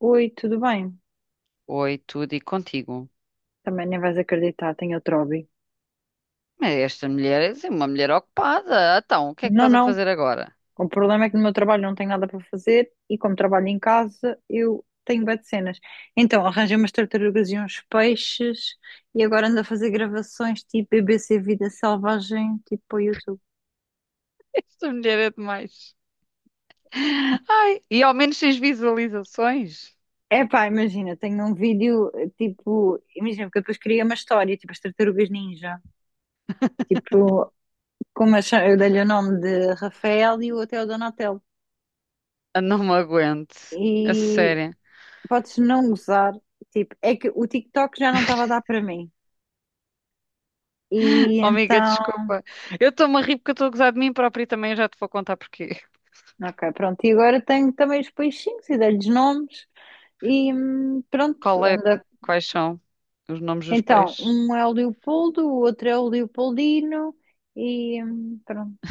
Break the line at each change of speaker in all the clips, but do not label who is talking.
Oi, tudo bem?
Oi, tudo e contigo.
Também nem vais acreditar, tenho outro hobby.
Mas esta mulher é uma mulher ocupada. Então, o que é que
Não,
estás a
não.
fazer agora?
O problema é que no meu trabalho não tenho nada para fazer e como trabalho em casa, eu tenho bué de cenas. Então, arranjei umas tartarugas e uns peixes e agora ando a fazer gravações tipo BBC Vida Selvagem, tipo para o YouTube.
Esta mulher é demais. Ai, e ao menos tens visualizações?
Epá, imagina, tenho um vídeo, tipo, imagina, porque eu depois queria uma história, tipo as tartarugas ninja. Tipo, eu dei-lhe o nome de Rafael e o outro é o Donatello.
Ah, não me aguento. A
E
sério.
podes não gozar. Tipo, é que o TikTok já não estava a dar para mim. E
Oh, amiga,
então,
desculpa. Eu estou-me a rir porque eu estou a gozar de mim própria e também já te vou contar porquê.
ok, pronto. E agora tenho também os peixinhos e dei-lhes nomes. E pronto,
Qual é,
anda.
quais são os nomes dos
Então,
peixes?
um é o Leopoldo, o outro é o Leopoldino. E pronto,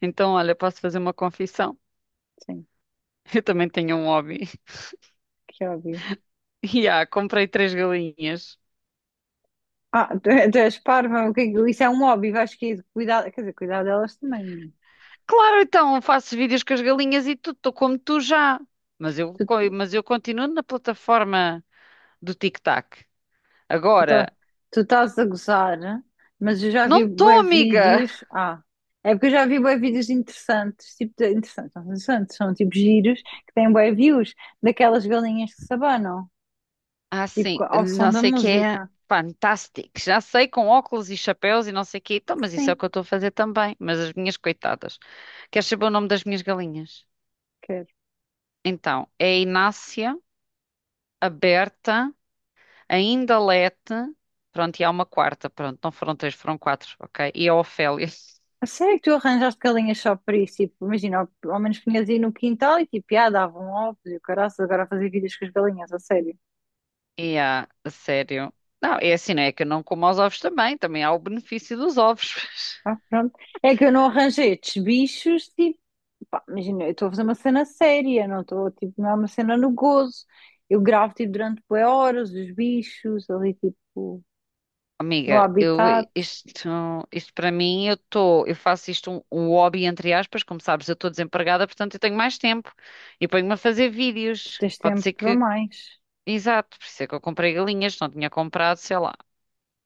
Então, olha, posso fazer uma confissão.
sim,
Eu também tenho um hobby.
que óbvio.
E comprei três galinhas.
Ah, tu és parva, o que é que- isso é um hobby, vais que cuidar, quer dizer, cuidar delas também.
Claro, então faço vídeos com as galinhas e tudo, estou como tu já. Mas eu, co-
Tu
mas eu continuo na plataforma do TikTok.
Tu tá-
Agora,
tu estás a gozar, né? Mas eu já vi
não estou,
bué
amiga!
vídeos. Ah, é porque eu já vi bué vídeos interessantes, tipo, interessantes, não, são interessantes, são tipo giros que têm bué views daquelas galinhas que se abanam,
Ah, sim,
ao
não
som da
sei o que é
música.
fantástico. Já sei, com óculos e chapéus e não sei o quê. Então, mas isso é o
Sim,
que eu estou a fazer também. Mas as minhas coitadas. Queres saber o nome das minhas galinhas?
quero.
Então, é a Inácia, a Berta, a Indalete. Pronto, e há uma quarta. Pronto, não foram três, foram quatro, ok? E a Ofélia.
A sério que tu arranjaste galinhas só para isso? Tipo, imagina, ao menos punhas aí no quintal e tipo, ah, davam ovos e o caraças, agora a fazer vídeos com as galinhas, a sério.
E há, a sério. Não, é assim, não é que eu não como aos ovos também, também há o benefício dos ovos.
Ah, pronto. É que eu não arranjei estes bichos, tipo, pá, imagina, eu estou a fazer uma cena séria, não estou, tipo, não é uma cena no gozo. Eu gravo, tipo, durante bué horas os bichos ali, tipo, no
Amiga,
habitat,
isto, isto para mim, eu faço isto um hobby entre aspas, como sabes, eu estou desempregada, portanto eu tenho mais tempo e ponho-me a fazer
tu
vídeos.
tens
Pode
tempo
ser
para
que,
mais.
exato, por isso é que eu comprei galinhas, não tinha comprado, sei lá,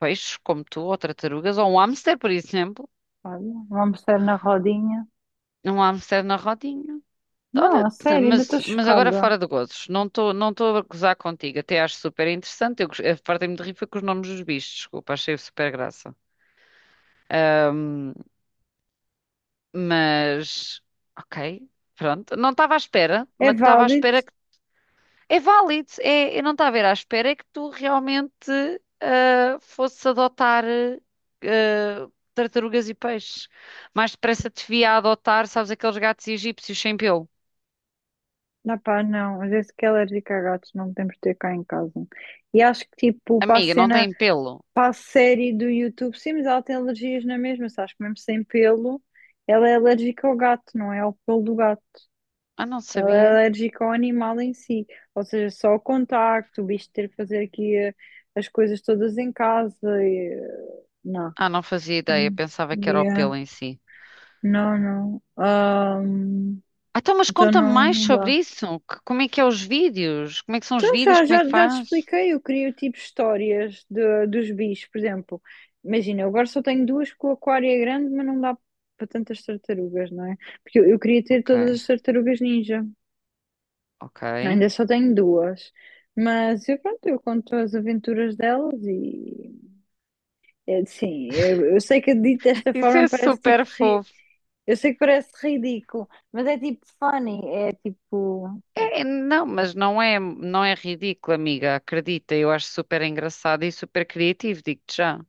peixes como tu, ou tartarugas, ou um hamster, por exemplo,
Olha, vamos estar na rodinha.
um hamster na rodinha.
Não,
Olha,
a sério, ainda estou
mas agora
chocada.
fora de gozos, não estou a gozar contigo, até acho super interessante. A parte de rir foi com os nomes dos bichos, desculpa, achei super graça. Ahm, mas, ok, pronto, não estava à espera,
É
mas estava à
válido?
espera que. É válido, é, eu não estava a ver à espera é que tu realmente fosses adotar ah, tartarugas e peixes. Mais depressa te via a adotar, sabes, aqueles gatos egípcios sem pelo.
Não, pá, não. Às vezes que é alérgica a gatos, não podemos ter cá em casa. E acho que, tipo,
Amiga, não têm pelo.
para a série do YouTube, sim, mas ela tem alergias na mesma, sabes? Mesmo sem pelo, ela é alérgica ao gato, não é ao pelo do gato.
Ah, não
Ela é
sabia.
alérgica ao animal em si. Ou seja, só o contacto, o bicho ter que fazer aqui as coisas todas em casa e, eh, Não.
Ah, não fazia ideia,
Hum.
pensava que era o
Yeah.
pelo em si.
Não, não.
Ah, então, mas
Então
conta
não,
mais
não
sobre
dá.
isso. Como é que é os vídeos? Como é que são os
Então
vídeos?
já,
Como é
já,
que
já te
faz?
expliquei, eu crio tipo histórias dos bichos, por exemplo. Imagina, eu agora só tenho duas com o aquário é grande, mas não dá para tantas tartarugas, não é? Porque eu queria ter
Ok,
todas as tartarugas ninja.
ok.
Ainda só tenho duas. Mas eu, pronto, eu conto as aventuras delas e. É, sim, eu sei que dito desta
Isso
forma
é
parece
super
tipo.
fofo.
Eu sei que parece ridículo, mas é tipo funny, é tipo.
É, não, mas não é, ridículo, amiga. Acredita, eu acho super engraçado e super criativo, digo-te já.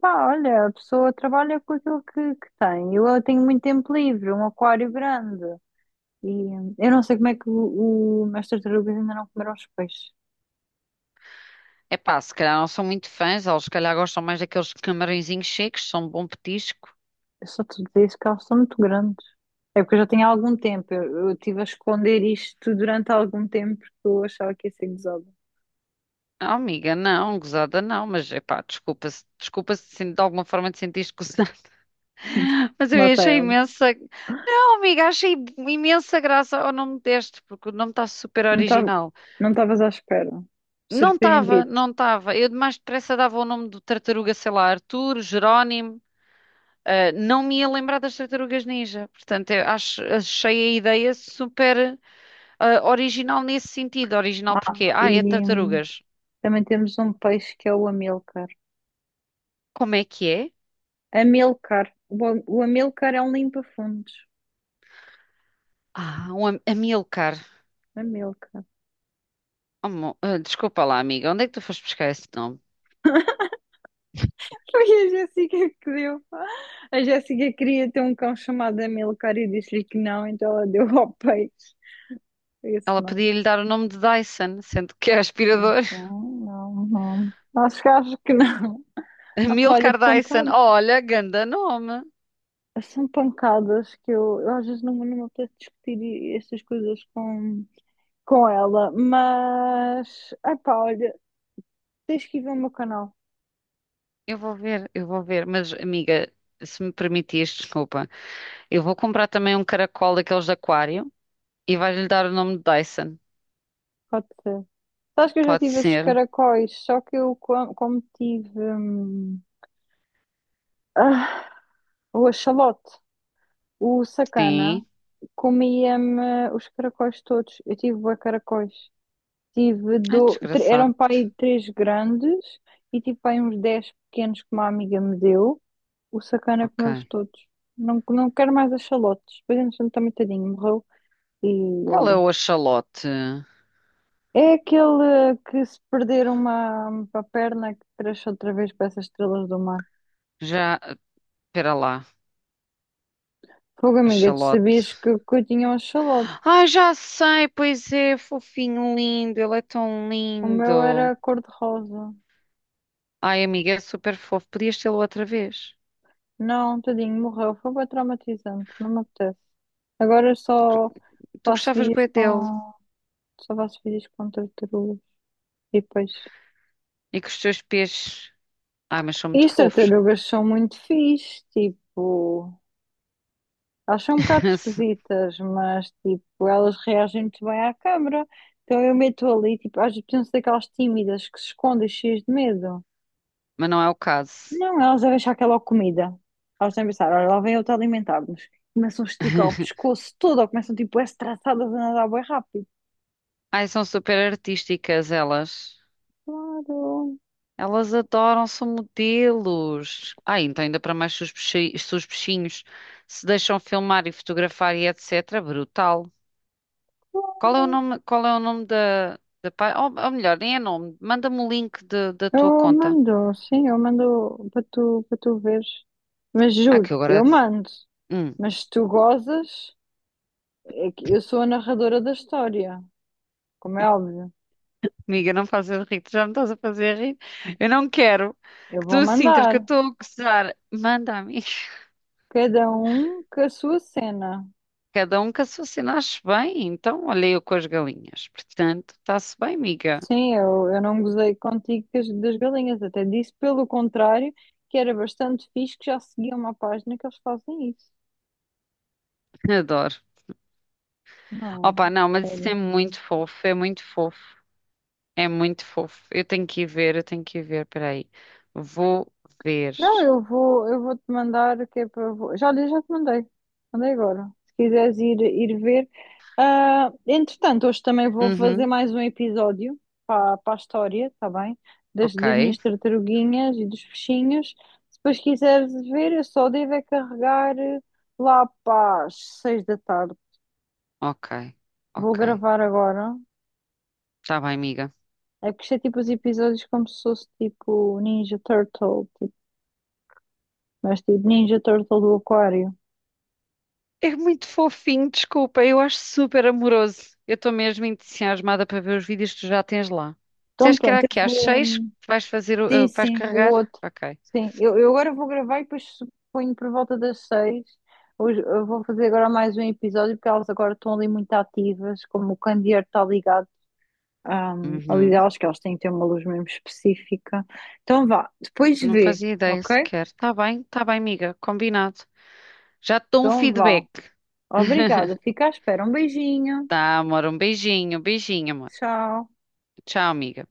Pá, olha, a pessoa trabalha com aquilo que tem. Eu tenho muito tempo livre, um aquário grande. E eu não sei como é que as tartarugas ainda não comeram os peixes.
É pá, se calhar não são muito fãs, eles se calhar gostam mais daqueles camarõezinhos secos, são um bom petisco.
Eu só te digo isso que elas são muito grandes. É porque eu já tenho algum tempo. Eu estive a esconder isto durante algum tempo porque eu achava que ia ser gozada.
Não, amiga, não, gozada não, mas é pá, desculpa se de alguma forma te sentiste gozada. Mas eu
Lá está
achei
ela.
imensa. Não, amiga, achei imensa graça ao nome deste, porque o nome está super
Não estava,
original.
não estavas à espera.
Não estava,
Surpreendido.
não estava. Eu de mais depressa dava o nome do tartaruga, sei lá, Arthur, Jerónimo. Ah, não me ia lembrar das tartarugas ninja. Portanto, achei a ideia super original nesse sentido. Original
Ah,
porque,
e
é tartarugas.
também temos um peixe que é o amilcar.
Como é que é?
Amilcar. O, o amilcar é um limpa-fundos.
Ah, um Amilcar.
A Milka.
Oh, desculpa lá, amiga, onde é que tu foste buscar esse nome?
Foi a Jéssica que deu. A Jéssica queria ter um cão chamado Amilcar e disse-lhe que não, então ela deu ao peixe. Isso
Ela
não,
podia lhe dar o nome de Dyson, sendo que é
não
aspirador.
sei, não, não. Acho que não. Ah, pá, olha,
Amilcar Dyson.
pancada.
Olha, ganda nome.
São pancadas que eu às vezes não me apetece discutir estas coisas com ela, mas. Ah, pá, olha, tens que ir ver o meu canal,
Eu vou ver, eu vou ver. Mas, amiga, se me permitires, desculpa. Eu vou comprar também um caracol daqueles de aquário e vai-lhe dar o nome de Dyson.
pode ser. Sabes que eu já
Pode
tive esses
ser.
caracóis, só que eu, como tive. Ah, o axolote, o sacana,
Sim.
comia-me os caracóis todos. Eu tive bué caracóis.
Ai, desgraçado.
Eram pai três grandes e tive pai uns 10 pequenos que uma amiga me deu. O sacana
Ok.
comeu-os todos. Não, não quero mais axolotes. Depois, entretanto, também tadinho, morreu. E
Qual é
olha.
o axolote?
É aquele que se perder uma perna que cresce outra vez para essas estrelas do mar.
Já, espera lá.
Fogo, amiga, tu
Axolote.
sabias que eu tinha um axolote?
Ai, já sei, pois é, fofinho, lindo. Ele é tão
O meu
lindo.
era cor-de-rosa.
Ai, amiga, é super fofo. Podias tê-lo outra vez.
Não, tadinho, morreu. Foi bem traumatizante, não me apetece. Agora eu só
Tu
faço
gostavas
vídeos
bué dele
com. Só faço vídeos com tartarugas e peixes.
e que os teus peixes. Ai, mas são
E
muito
as
fofos.
tartarugas são muito fixe, tipo. Elas são um bocado esquisitas, mas tipo, elas reagem muito bem à câmara. Então eu meto ali, tipo, às vezes precisam ser aquelas tímidas que se escondem cheias de medo.
Mas não é o caso.
Não, elas devem achar que é logo comida. Elas devem pensar, olha, lá vem outra a alimentar-nos. Começam a esticar o pescoço todo, ou começam tipo, a estraçadas a nadar bem rápido.
Ai, são super artísticas elas.
Claro,
Elas adoram, são modelos. Ai, então ainda para mais se os se os peixinhos se deixam filmar e fotografar e etc. Brutal. Qual é o
claro.
nome, qual é o nome da, página? Ou melhor, nem é nome. Manda-me o link da tua
Eu
conta.
mando, sim, eu mando para tu veres. Mas
Ah,
juro,
que eu
eu
agora.
mando.
hum,
Mas se tu gozas, é que eu sou a narradora da história, como é óbvio.
Amiga, não faças rir, tu já me estás a fazer rir. Eu não quero
Eu
que
vou
tu sintas
mandar.
que eu estou a gozar. Manda a mim.
Cada um com a sua cena.
Cada um com a sua se nasce bem, então olha eu com as galinhas. Portanto, está-se bem, amiga.
Sim, eu não gozei contigo das galinhas, até disse pelo contrário, que era bastante fixe que já seguia uma página que eles fazem isso.
Adoro.
Não,
Opa, não, mas isso é
sério.
muito fofo, é muito fofo, é muito fofo. Eu tenho que ir ver, eu tenho que ir ver, peraí. Vou ver.
Não, eu vou te mandar que é para. Já li, já te mandei. Mandei agora. Se quiseres ir ver. Ah, entretanto, hoje também vou fazer
Uhum,
mais um episódio para a história, está bem? Das,
ok,
das minhas tartaruguinhas e dos peixinhos. Se depois quiseres ver, eu só devo é carregar lá para as 6 da tarde.
ok,
Vou
ok.
gravar agora.
Está bem, amiga.
É que isto é tipo os episódios como se fosse tipo Ninja Turtle, tipo, mas tipo Ninja Turtle do Aquário.
É muito fofinho, desculpa, eu acho super amoroso. Eu estou mesmo entusiasmada para ver os vídeos que tu já tens lá.
Então
Disseste que era
pronto, eu
aqui às seis
vou.
que vais fazer,
Sim,
que vais
sim, o
carregar?
outro.
Ok.
Sim, eu agora vou gravar e depois ponho por volta das 6. Hoje eu vou fazer agora mais um episódio porque elas agora estão ali muito ativas, como o candeeiro está ligado ali
Uhum.
elas que elas têm que ter uma luz mesmo específica. Então vá, depois
Não
vê,
fazia ideia
ok?
sequer. Tá bem, amiga, combinado. Já te dou um
Então vá.
feedback.
Obrigada, fica à espera. Um beijinho.
Tá, amor, um beijinho, amor.
Tchau.
Tchau, amiga.